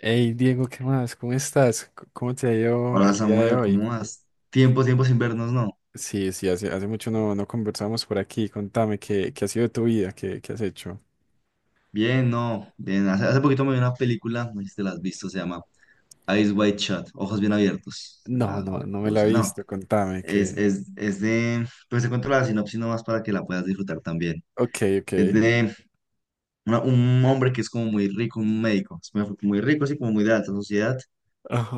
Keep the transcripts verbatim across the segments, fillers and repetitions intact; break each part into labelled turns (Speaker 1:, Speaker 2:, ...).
Speaker 1: Hey Diego, ¿qué más? ¿Cómo estás? C- ¿Cómo te ha ido
Speaker 2: Hola
Speaker 1: el día de
Speaker 2: Samuel,
Speaker 1: hoy?
Speaker 2: ¿cómo vas? Tiempo, tiempo sin vernos, ¿no?
Speaker 1: Sí, sí, hace, hace mucho no, no conversamos por aquí. Contame, ¿qué, ¿qué ha sido de tu vida? ¿Qué, ¿qué has hecho?
Speaker 2: Bien, no. Bien. Hace, hace poquito me vi una película, no sé si te la has visto, se llama Eyes Wide Shut, Ojos Bien Abiertos. Se
Speaker 1: No, no, no me la he
Speaker 2: traduce, no.
Speaker 1: visto. Contame,
Speaker 2: Es,
Speaker 1: que...
Speaker 2: es, es de, pues te cuento la sinopsis nomás para que la puedas disfrutar también.
Speaker 1: Ok, ok.
Speaker 2: Es de una- un hombre que es como muy rico, un médico, es muy, muy rico, así como muy de alta sociedad,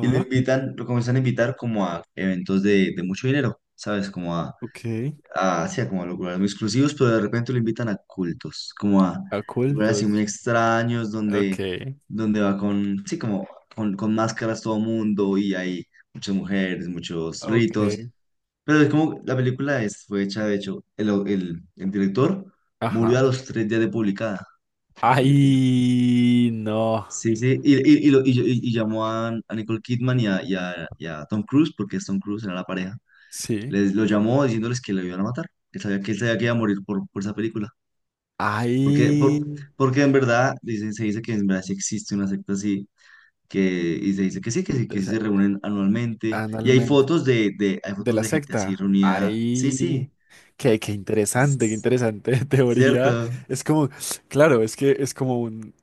Speaker 2: y lo invitan, lo comienzan a invitar como a eventos de, de mucho dinero, ¿sabes? Como a
Speaker 1: ok.
Speaker 2: ah, hacía como a lugares muy exclusivos, pero de repente lo invitan a cultos, como a lugares así muy
Speaker 1: Ocultos.
Speaker 2: extraños,
Speaker 1: Ok,
Speaker 2: donde, donde va con, sí, como con, con máscaras todo mundo y hay muchas mujeres, muchos
Speaker 1: ok.
Speaker 2: ritos. Pero es como la película es, fue hecha, de hecho, el, el, el director murió
Speaker 1: Ajá.
Speaker 2: a los tres días de publicada. la película.
Speaker 1: Ay, no.
Speaker 2: Sí, sí, y, y, y, lo- y- y- llamó a, a Nicole Kidman y a, y a, y a Tom Cruise, porque es Tom Cruise, era la pareja
Speaker 1: Sí.
Speaker 2: les lo llamó diciéndoles que le iban a matar, que sabía que él sabía que iba a morir por, por esa película. Porque,
Speaker 1: Ay,
Speaker 2: por, porque en verdad dicen, se dice que en verdad sí existe una secta así, que, y se dice que sí, que sí, que sí se reúnen anualmente. Y hay
Speaker 1: analmente
Speaker 2: fotos de, de, hay
Speaker 1: de
Speaker 2: fotos
Speaker 1: la
Speaker 2: de gente así
Speaker 1: secta.
Speaker 2: reunida. Sí, sí,
Speaker 1: Ay, qué, qué interesante, qué
Speaker 2: es
Speaker 1: interesante teoría.
Speaker 2: cierto.
Speaker 1: Es como, claro, es que es como un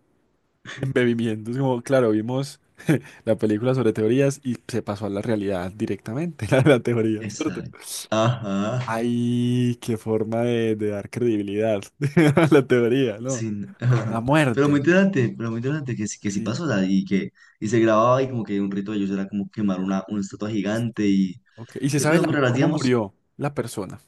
Speaker 1: embebimiento. Es como, claro, vimos la película sobre teorías y se pasó a la realidad directamente, a la teoría, ¿cierto?
Speaker 2: Exacto. Ajá, ajá,
Speaker 1: Ay, qué forma de, de dar credibilidad a la teoría, ¿no?
Speaker 2: sí,
Speaker 1: Con la
Speaker 2: ajá. Pero muy
Speaker 1: muerte.
Speaker 2: interesante, pero muy interesante que sí, que sí
Speaker 1: Sí,
Speaker 2: pasó, o sea, y que y se grababa y como que un rito de ellos era como quemar una, una estatua gigante
Speaker 1: sí.
Speaker 2: y,
Speaker 1: Ok. ¿Y se
Speaker 2: y
Speaker 1: sabe
Speaker 2: cosas
Speaker 1: la-
Speaker 2: muy raras,
Speaker 1: cómo
Speaker 2: digamos.
Speaker 1: murió la persona,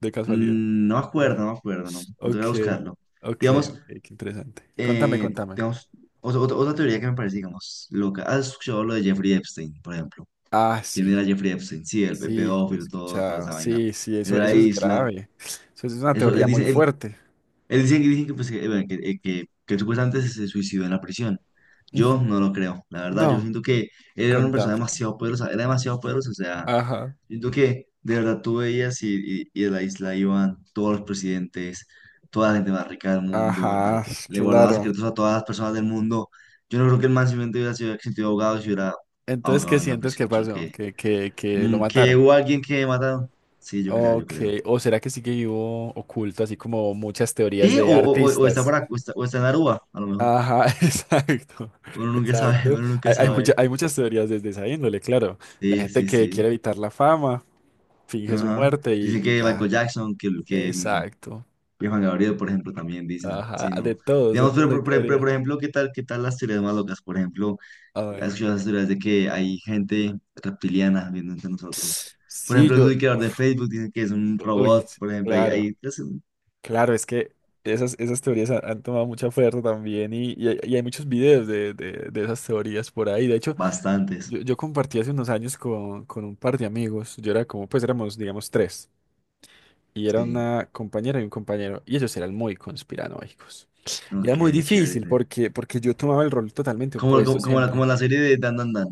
Speaker 1: de casualidad?
Speaker 2: Mm, No me acuerdo, no me acuerdo, no. Me
Speaker 1: Ok,
Speaker 2: tocará buscarlo.
Speaker 1: ok,
Speaker 2: Digamos,
Speaker 1: ok, qué interesante. Contame,
Speaker 2: eh,
Speaker 1: contame.
Speaker 2: digamos, otra, otra- otra teoría que me parece, digamos, loca. ¿Has escuchado lo de Jeffrey Epstein, por ejemplo?
Speaker 1: Ah,
Speaker 2: ¿Quién
Speaker 1: sí,
Speaker 2: era Jeffrey Epstein? Sí, el pe-
Speaker 1: sí, lo he
Speaker 2: pedófilo, todo, toda
Speaker 1: escuchado.
Speaker 2: esa vaina.
Speaker 1: Sí, sí,
Speaker 2: Él
Speaker 1: eso,
Speaker 2: de la
Speaker 1: eso es
Speaker 2: isla.
Speaker 1: grave. Eso es una
Speaker 2: Eso, él
Speaker 1: teoría muy
Speaker 2: dice, él,
Speaker 1: fuerte.
Speaker 2: él dice, dicen que, pues, que, eh, bueno, que, eh, que, que él supuestamente se se suicidó en la prisión. Yo
Speaker 1: Ujú.
Speaker 2: no lo creo. La verdad, yo
Speaker 1: No,
Speaker 2: siento que él era una persona
Speaker 1: contame.
Speaker 2: demasiado poderosa. Era demasiado poderosa, o sea.
Speaker 1: Ajá,
Speaker 2: Siento que de verdad tú veías y, y, y de la isla iban todos los presidentes, toda la gente más rica del mundo, el man
Speaker 1: ajá,
Speaker 2: le guardaba
Speaker 1: claro.
Speaker 2: secretos a todas las personas del mundo. Yo no creo que el man simplemente hubiera sido sentido ahogado si hubiera
Speaker 1: Entonces, ¿qué
Speaker 2: ahogado en la
Speaker 1: sientes
Speaker 2: prisión.
Speaker 1: que
Speaker 2: Yo
Speaker 1: pasó?
Speaker 2: creo que,
Speaker 1: ¿Que, que, ¿que lo
Speaker 2: mm, que
Speaker 1: mataron?
Speaker 2: hubo alguien que mataron. Sí, yo creo, yo
Speaker 1: Ok,
Speaker 2: creo.
Speaker 1: ¿o será que sigue vivo oculto, así como muchas teorías
Speaker 2: Sí, o,
Speaker 1: de
Speaker 2: o, o- o está
Speaker 1: artistas?
Speaker 2: por acá, o está, o está en Aruba, a lo mejor.
Speaker 1: Ajá, exacto,
Speaker 2: Uno nunca sabe,
Speaker 1: exacto.
Speaker 2: uno nunca
Speaker 1: Hay, hay,
Speaker 2: sabe.
Speaker 1: mucha- hay muchas teorías desde esa índole, claro. La
Speaker 2: Sí,
Speaker 1: gente
Speaker 2: sí,
Speaker 1: que
Speaker 2: sí.
Speaker 1: quiere evitar la fama, finge su
Speaker 2: Ajá.
Speaker 1: muerte y,
Speaker 2: Dicen
Speaker 1: y
Speaker 2: que
Speaker 1: ya.
Speaker 2: Michael Jackson, que, que, mm,
Speaker 1: Exacto.
Speaker 2: Y Juan Gabriel, por ejemplo, también dicen, sí,
Speaker 1: Ajá, de
Speaker 2: no.
Speaker 1: todos, de
Speaker 2: Digamos, pero,
Speaker 1: todos hay
Speaker 2: pero- pero- pero,
Speaker 1: teorías.
Speaker 2: por ejemplo, ¿qué tal, qué tal las teorías más locas. Por ejemplo,
Speaker 1: A
Speaker 2: has
Speaker 1: ver.
Speaker 2: escuchado las teorías de que hay gente reptiliana viendo entre nosotros. Por
Speaker 1: Sí,
Speaker 2: ejemplo,
Speaker 1: yo...
Speaker 2: el creador de
Speaker 1: uf,
Speaker 2: Facebook dice que es un
Speaker 1: uy,
Speaker 2: robot,
Speaker 1: sí,
Speaker 2: por ejemplo, hay,
Speaker 1: claro,
Speaker 2: hay pues,
Speaker 1: claro, es que esas, esas teorías han, han tomado mucha fuerza también y, y hay, y hay muchos videos de, de, de esas teorías por ahí. De hecho,
Speaker 2: bastantes.
Speaker 1: yo, yo compartí hace unos años con, con un par de amigos. Yo era como, pues éramos, digamos, tres. Y era
Speaker 2: Sí,
Speaker 1: una compañera y un compañero, y ellos eran muy conspiranoicos. Y era
Speaker 2: ok,
Speaker 1: muy
Speaker 2: chévere.
Speaker 1: difícil
Speaker 2: Entonces,
Speaker 1: porque, porque yo tomaba el rol totalmente
Speaker 2: Como,
Speaker 1: opuesto
Speaker 2: como, como la, como
Speaker 1: siempre,
Speaker 2: la serie de Dan Dan Dan,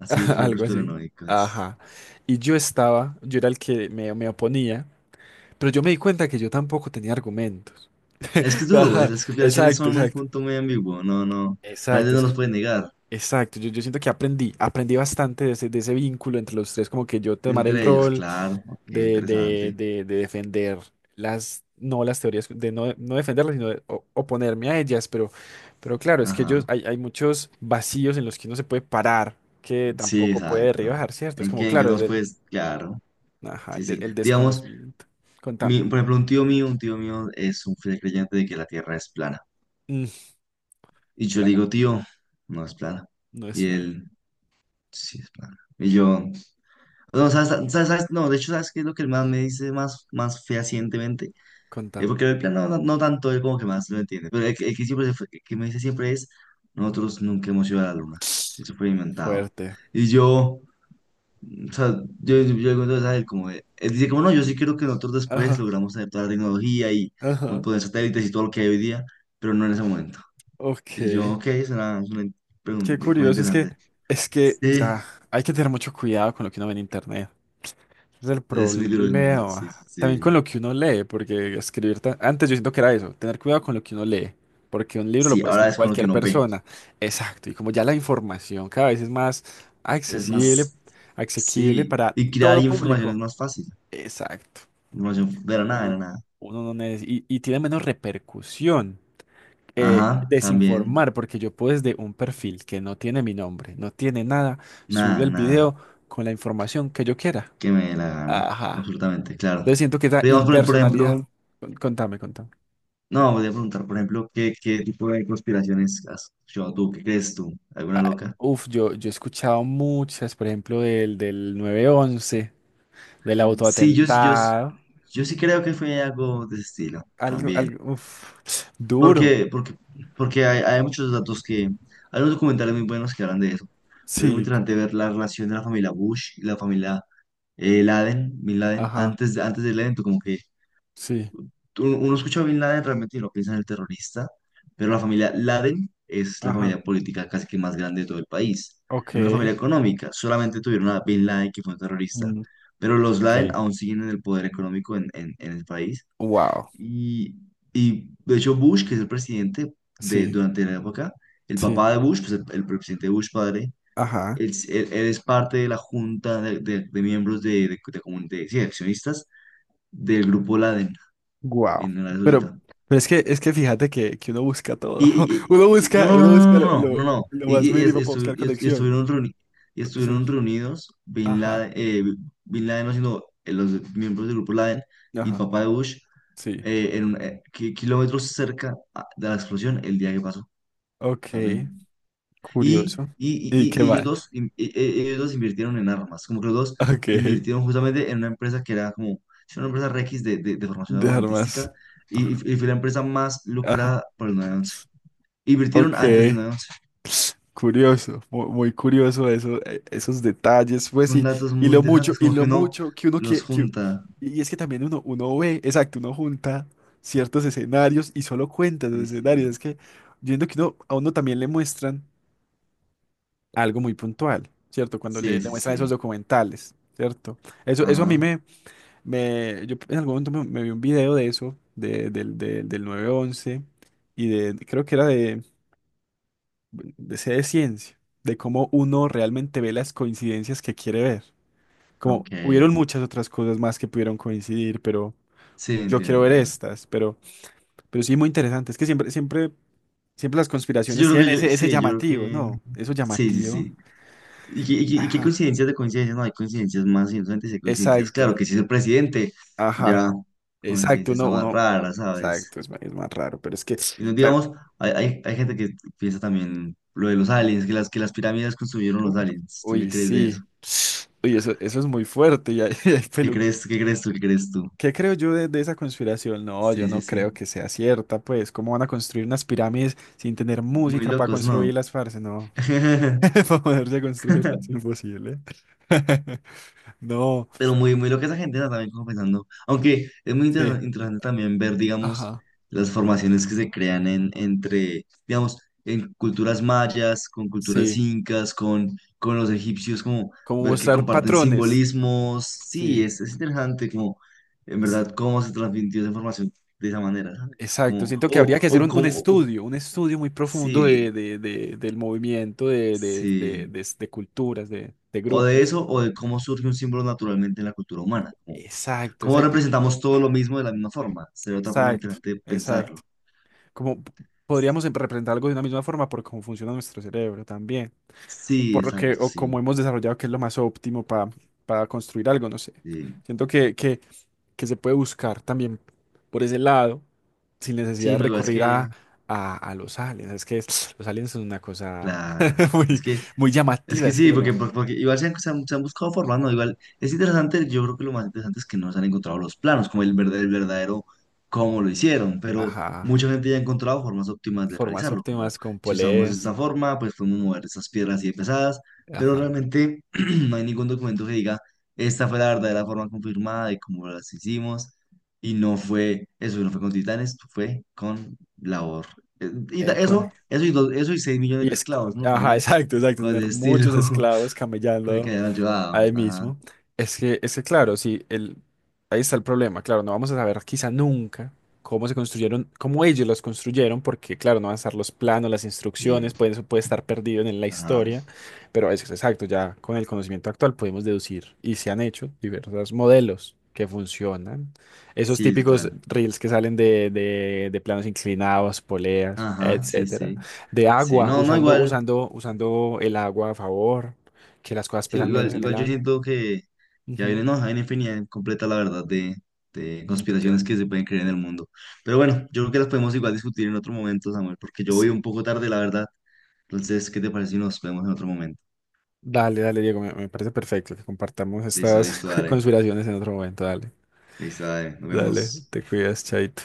Speaker 2: así fue el
Speaker 1: algo así.
Speaker 2: conspiranoicos.
Speaker 1: Ajá. Y yo estaba, yo era el que me, me oponía, pero yo me di cuenta que yo tampoco tenía argumentos.
Speaker 2: Es que es duro, pues,
Speaker 1: Ajá,
Speaker 2: las conspiraciones
Speaker 1: exacto,
Speaker 2: son un
Speaker 1: exacto.
Speaker 2: punto muy ambiguo, no, no,
Speaker 1: Exacto,
Speaker 2: realmente no
Speaker 1: es-
Speaker 2: los pueden negar.
Speaker 1: exacto. Yo, yo siento que aprendí, aprendí bastante de ese, de ese vínculo entre los tres, como que yo tomar el
Speaker 2: Entre ellos,
Speaker 1: rol
Speaker 2: claro, ok,
Speaker 1: de, de,
Speaker 2: interesante.
Speaker 1: de, de defender las, no las teorías, de no, no defenderlas, sino de o- oponerme a ellas, pero, pero claro, es que ellos,
Speaker 2: Ajá.
Speaker 1: hay, hay muchos vacíos en los que uno se puede parar, que
Speaker 2: Sí,
Speaker 1: tampoco puede
Speaker 2: exacto.
Speaker 1: derribar, ¿cierto? Es
Speaker 2: ¿En
Speaker 1: como,
Speaker 2: que en que
Speaker 1: claro,
Speaker 2: no
Speaker 1: el,
Speaker 2: los
Speaker 1: del-
Speaker 2: puedes? Claro.
Speaker 1: ajá,
Speaker 2: Sí,
Speaker 1: el, de-
Speaker 2: sí.
Speaker 1: el
Speaker 2: Digamos,
Speaker 1: desconocimiento.
Speaker 2: mi,
Speaker 1: Contame.
Speaker 2: por ejemplo, un tío mío, un tío mío es un fiel creyente de que la Tierra es plana.
Speaker 1: Mm,
Speaker 2: Y yo le
Speaker 1: Clara,
Speaker 2: digo, tío, no es plana.
Speaker 1: no es
Speaker 2: Y
Speaker 1: plan.
Speaker 2: él, sí es plana. Y yo, no, ¿sabes, sabes- sabes? No, de hecho, ¿sabes qué es lo que el man me dice más, más fehacientemente? Eh,
Speaker 1: Contame.
Speaker 2: porque el plano no, no tanto, él como que más lo entiende. Pero el, que el que siempre se fue- que me dice siempre es, nosotros nunca hemos ido a la luna. Eso fue inventado.
Speaker 1: Fuerte.
Speaker 2: Y yo... O sea, yo, yo, yo cuento a él como, de- él dice como, no, yo sí creo que nosotros después
Speaker 1: Ajá,
Speaker 2: logramos adaptar la tecnología y un
Speaker 1: ajá.
Speaker 2: montón de satélites y todo lo que hay hoy día, pero no en ese momento.
Speaker 1: Ok.
Speaker 2: Y yo, ok, es una, es una
Speaker 1: Qué
Speaker 2: pregunta, cosa
Speaker 1: curioso, es que,
Speaker 2: interesante.
Speaker 1: es que
Speaker 2: Sí,
Speaker 1: ya hay que tener mucho cuidado con lo que uno ve en internet. Es el
Speaker 2: es muy duro, es muy duro, sí,
Speaker 1: problema.
Speaker 2: sí,
Speaker 1: También con
Speaker 2: sí.
Speaker 1: lo que uno lee, porque escribir... ta- Antes yo siento que era eso, tener cuidado con lo que uno lee, porque un libro lo
Speaker 2: Sí,
Speaker 1: puede
Speaker 2: ahora
Speaker 1: escribir
Speaker 2: es con lo que
Speaker 1: cualquier
Speaker 2: uno ve.
Speaker 1: persona. Exacto, y como ya la información cada vez es más
Speaker 2: Es
Speaker 1: accesible,
Speaker 2: más,
Speaker 1: asequible
Speaker 2: sí,
Speaker 1: para
Speaker 2: y crear
Speaker 1: todo
Speaker 2: información es
Speaker 1: público.
Speaker 2: más fácil.
Speaker 1: Exacto.
Speaker 2: Información de la nada, de la
Speaker 1: Uno,
Speaker 2: nada.
Speaker 1: uno no neces- y, y tiene menos repercusión. Eh,
Speaker 2: Ajá, también,
Speaker 1: desinformar, porque yo puedo desde un perfil que no tiene mi nombre, no tiene nada, subir
Speaker 2: nada,
Speaker 1: el
Speaker 2: nada,
Speaker 1: video con la información que yo quiera.
Speaker 2: que me dé la gana,
Speaker 1: Ajá.
Speaker 2: absolutamente, claro.
Speaker 1: Entonces siento que esa
Speaker 2: Pero digamos, por por
Speaker 1: impersonalidad.
Speaker 2: ejemplo...
Speaker 1: Con- Contame, contame.
Speaker 2: No, voy a preguntar, por ejemplo, ¿qué, qué tipo de conspiraciones has escuchado tú? ¿Qué crees tú? ¿Alguna
Speaker 1: Ah,
Speaker 2: loca?
Speaker 1: uf, yo, yo he escuchado muchas, por ejemplo, del, del nueve once, del
Speaker 2: Sí, yo, yo,
Speaker 1: autoatentado.
Speaker 2: yo sí creo que fue algo de ese estilo
Speaker 1: Algo,
Speaker 2: también.
Speaker 1: algo, uf, duro.
Speaker 2: Porque, porque, porque hay, hay muchos datos que... Hay unos documentales muy buenos que hablan de eso. Pero es muy
Speaker 1: Sí,
Speaker 2: interesante ver la relación de la familia Bush y la familia eh, Laden, Bin Laden,
Speaker 1: ajá,
Speaker 2: antes, de- antes del evento, como que
Speaker 1: sí,
Speaker 2: tú- uno escucha a Bin Laden realmente y no piensa en el terrorista, pero la familia Laden es la
Speaker 1: ajá,
Speaker 2: familia política casi que más grande de todo el país.
Speaker 1: ok.
Speaker 2: Es una familia económica, solamente tuvieron a Bin Laden que fue un terrorista,
Speaker 1: Mm,
Speaker 2: pero los
Speaker 1: ok.
Speaker 2: Laden aún siguen en el poder económico en, en- en el país.
Speaker 1: Wow,
Speaker 2: Y, y de hecho Bush, que es el presidente de,
Speaker 1: sí,
Speaker 2: durante la época, el
Speaker 1: sí,
Speaker 2: papá de Bush, pues el, el presidente Bush padre,
Speaker 1: ajá,
Speaker 2: él, s- él- él es parte de la junta de, de- de miembros de, de, de comun- de- sí, accionistas del grupo Laden
Speaker 1: wow.
Speaker 2: en Arabia
Speaker 1: Pero,
Speaker 2: Saudita.
Speaker 1: pero es que, es que fíjate que, que uno busca todo.
Speaker 2: Y,
Speaker 1: Uno
Speaker 2: y- y- no,
Speaker 1: busca,
Speaker 2: no,
Speaker 1: uno
Speaker 2: no,
Speaker 1: busca
Speaker 2: no,
Speaker 1: lo,
Speaker 2: no,
Speaker 1: lo,
Speaker 2: no, no. no,
Speaker 1: lo
Speaker 2: Y,
Speaker 1: más
Speaker 2: y- y es-
Speaker 1: mínimo para
Speaker 2: estu-
Speaker 1: buscar
Speaker 2: y es- y
Speaker 1: conexión.
Speaker 2: estuvieron, reuni- y
Speaker 1: Sí,
Speaker 2: estuvieron reunidos Bin
Speaker 1: ajá,
Speaker 2: Laden, eh, Bin Laden, no, sino eh, los miembros del grupo Laden y el
Speaker 1: ajá,
Speaker 2: papá de Bush
Speaker 1: sí.
Speaker 2: eh, en un- eh, ki- kilómetros cerca a- de la explosión el día que pasó
Speaker 1: Ok,
Speaker 2: también. Y,
Speaker 1: curioso.
Speaker 2: y, y,
Speaker 1: ¿Y qué
Speaker 2: y- y ellos
Speaker 1: más?
Speaker 2: dos, in- e- e- ellos dos invirtieron en armas, como que los dos
Speaker 1: Ok,
Speaker 2: invirtieron justamente en una empresa que era como sí, una empresa Rex de, de, de formación
Speaker 1: dejar más.
Speaker 2: armamentística y, y fue la empresa más
Speaker 1: Ajá.
Speaker 2: lucrada por el nueve once invirtieron
Speaker 1: Ok,
Speaker 2: antes del nueve once.
Speaker 1: curioso, mu- muy, curioso eso, eh, esos detalles, pues
Speaker 2: Son
Speaker 1: y,
Speaker 2: datos
Speaker 1: y
Speaker 2: muy
Speaker 1: lo mucho,
Speaker 2: interesantes,
Speaker 1: y
Speaker 2: como que
Speaker 1: lo
Speaker 2: uno
Speaker 1: mucho que uno
Speaker 2: los
Speaker 1: que, que-
Speaker 2: junta.
Speaker 1: y es que también uno, uno ve, exacto, uno junta ciertos escenarios y solo cuenta los
Speaker 2: Sí,
Speaker 1: escenarios.
Speaker 2: sí,
Speaker 1: Es que viendo que uno, a uno también le muestran algo muy puntual, ¿cierto? Cuando le,
Speaker 2: sí,
Speaker 1: le
Speaker 2: sí,
Speaker 1: muestran esos
Speaker 2: sí.
Speaker 1: documentales, ¿cierto? Eso, eso a mí
Speaker 2: Ajá,
Speaker 1: me... Me, yo en algún momento me, me vi un video de eso, de, del, del, del nueve once y de, creo que era de, de C de ciencia, de cómo uno realmente ve las coincidencias que quiere ver. Como
Speaker 2: ok.
Speaker 1: hubieron muchas otras cosas más que pudieron coincidir, pero
Speaker 2: Sí,
Speaker 1: yo
Speaker 2: entiendo,
Speaker 1: quiero ver
Speaker 2: entiendo.
Speaker 1: estas, pero, pero sí muy interesante. Es que siempre, siempre, siempre las
Speaker 2: Sí, yo
Speaker 1: conspiraciones
Speaker 2: creo
Speaker 1: tienen
Speaker 2: que yo,
Speaker 1: ese, ese
Speaker 2: sí, yo creo
Speaker 1: llamativo,
Speaker 2: que,
Speaker 1: ¿no? Eso
Speaker 2: sí, sí,
Speaker 1: llamativo.
Speaker 2: sí. ¿Y, qué y qué- y qué
Speaker 1: Ajá.
Speaker 2: coincidencias de coincidencias? No, hay coincidencias más inocentes y hay coincidencias. Claro
Speaker 1: Exacto.
Speaker 2: que si es el presidente,
Speaker 1: Ajá.
Speaker 2: ya
Speaker 1: Exacto.
Speaker 2: coincidencia está
Speaker 1: Uno,
Speaker 2: más
Speaker 1: uno.
Speaker 2: rara, ¿sabes?
Speaker 1: Exacto. Es, ma- es más raro, pero es que,
Speaker 2: Y no
Speaker 1: claro.
Speaker 2: digamos, hay, hay, hay gente que piensa también lo de los aliens, que las, que las pirámides construyeron
Speaker 1: Uf,
Speaker 2: los aliens. ¿Tú qué
Speaker 1: uy,
Speaker 2: crees de
Speaker 1: sí.
Speaker 2: eso?
Speaker 1: Uy, eso, eso es muy fuerte. Ya, el
Speaker 2: ¿Qué
Speaker 1: pelu-
Speaker 2: crees, qué crees tú, qué crees tú?
Speaker 1: ¿qué creo yo de, de esa conspiración? No, yo
Speaker 2: Sí, sí,
Speaker 1: no creo
Speaker 2: sí.
Speaker 1: que sea cierta, pues. ¿Cómo van a construir unas pirámides sin tener
Speaker 2: Muy
Speaker 1: música para
Speaker 2: locos, ¿no?
Speaker 1: construirlas, parce? No. Para poderse construirlas, imposible. No,
Speaker 2: Pero muy, muy loca esa gente, ¿no? También como pensando. Aunque es muy
Speaker 1: sí.
Speaker 2: interes- interesante también ver, digamos,
Speaker 1: Ajá.
Speaker 2: las formaciones que se crean en, entre, digamos, en culturas mayas, con culturas
Speaker 1: Sí.
Speaker 2: incas, con, con los egipcios, como
Speaker 1: ¿Como
Speaker 2: ver que
Speaker 1: mostrar
Speaker 2: comparten
Speaker 1: patrones?
Speaker 2: simbolismos. Sí,
Speaker 1: Sí,
Speaker 2: es, es interesante como, en
Speaker 1: sí.
Speaker 2: verdad, cómo se transmitió esa información de esa manera, ¿sabes?
Speaker 1: Exacto.
Speaker 2: Como,
Speaker 1: Siento que habría
Speaker 2: o,
Speaker 1: que hacer
Speaker 2: o
Speaker 1: un, un
Speaker 2: como, o-
Speaker 1: estudio, un estudio muy profundo
Speaker 2: sí,
Speaker 1: de, de- de- del movimiento, de, de, de,
Speaker 2: sí.
Speaker 1: de- de culturas, de, de
Speaker 2: O de
Speaker 1: grupos.
Speaker 2: eso, o de cómo surge un símbolo naturalmente en la cultura humana.
Speaker 1: Exacto,
Speaker 2: ¿Cómo
Speaker 1: exacto,
Speaker 2: representamos todo lo mismo de la misma forma? Sería otra forma
Speaker 1: exacto,
Speaker 2: interesante de
Speaker 1: exacto.
Speaker 2: pensarlo.
Speaker 1: Como p-
Speaker 2: Es-
Speaker 1: podríamos em- representar algo de una misma forma por cómo funciona nuestro cerebro también, o
Speaker 2: Sí,
Speaker 1: por lo que,
Speaker 2: exacto,
Speaker 1: o
Speaker 2: sí.
Speaker 1: cómo hemos desarrollado que es lo más óptimo para para construir algo, no sé.
Speaker 2: Sí,
Speaker 1: Siento que, que, que se puede buscar también por ese lado, sin necesidad
Speaker 2: Sí,
Speaker 1: de
Speaker 2: no, igual es
Speaker 1: recurrir
Speaker 2: que,
Speaker 1: a, a, a los aliens. Es que es- los aliens son una cosa
Speaker 2: claro, es
Speaker 1: muy,
Speaker 2: que
Speaker 1: muy
Speaker 2: Es
Speaker 1: llamativa,
Speaker 2: que
Speaker 1: es que
Speaker 2: sí,
Speaker 1: solo.
Speaker 2: porque, por- porque igual se han, se han- se han buscado formando, igual es interesante, yo creo que lo más interesante es que no se han encontrado los planos, como el verdadero, el verdadero cómo lo hicieron, pero
Speaker 1: Ajá.
Speaker 2: mucha gente ya ha encontrado formas óptimas de
Speaker 1: Formas
Speaker 2: realizarlo, como
Speaker 1: óptimas con
Speaker 2: si usamos
Speaker 1: poleas.
Speaker 2: esta forma, pues podemos mover estas piedras así de pesadas, pero
Speaker 1: Ajá.
Speaker 2: realmente no hay ningún documento que diga esta fue la verdadera forma confirmada de cómo las hicimos, y no fue, eso no fue con titanes, fue con labor. Eh, Y ta- eso, eso y, dos- eso y seis
Speaker 1: Y
Speaker 2: millones de
Speaker 1: es,
Speaker 2: esclavos, ¿no?
Speaker 1: ajá,
Speaker 2: También
Speaker 1: exacto, exacto,
Speaker 2: con el
Speaker 1: tener
Speaker 2: estilo
Speaker 1: muchos esclavos
Speaker 2: fue que
Speaker 1: camellando.
Speaker 2: hayan ayudado.
Speaker 1: Ahí
Speaker 2: Ajá.
Speaker 1: mismo. Es que, es que claro, sí, el, ahí está el problema. Claro, no vamos a saber quizá nunca cómo se construyeron, cómo ellos los construyeron, porque claro, no van a estar los planos, las
Speaker 2: Y,
Speaker 1: instrucciones, puede, eso puede estar perdido en la
Speaker 2: ajá.
Speaker 1: historia, pero es exacto, ya con el conocimiento actual podemos deducir y se han hecho diversos modelos que funcionan. Esos
Speaker 2: Sí,
Speaker 1: típicos
Speaker 2: total.
Speaker 1: reels que salen de, de, de planos inclinados, poleas,
Speaker 2: Ajá, sí,
Speaker 1: etcétera,
Speaker 2: sí.
Speaker 1: de
Speaker 2: Sí,
Speaker 1: agua,
Speaker 2: no, no,
Speaker 1: usando,
Speaker 2: igual.
Speaker 1: usando, usando el agua a favor que las cosas
Speaker 2: sí,
Speaker 1: pesan menos
Speaker 2: igual,
Speaker 1: en el
Speaker 2: igual yo
Speaker 1: agua.
Speaker 2: siento que, que hay
Speaker 1: Ujú,
Speaker 2: una, no, hay una infinidad completa, la verdad, de, de
Speaker 1: ya te
Speaker 2: conspiraciones
Speaker 1: abrí.
Speaker 2: que se pueden creer en el mundo. Pero bueno, yo creo que las podemos igual discutir en otro momento, Samuel, porque yo voy
Speaker 1: Sí.
Speaker 2: un poco tarde, la verdad. Entonces, ¿qué te parece si nos vemos en otro momento?
Speaker 1: Dale, dale, Diego, me, me parece perfecto que compartamos
Speaker 2: Listo,
Speaker 1: estas
Speaker 2: listo, dale.
Speaker 1: conspiraciones en otro momento. Dale.
Speaker 2: Listo, dale. Nos
Speaker 1: Dale,
Speaker 2: vemos.
Speaker 1: te cuidas, chaito.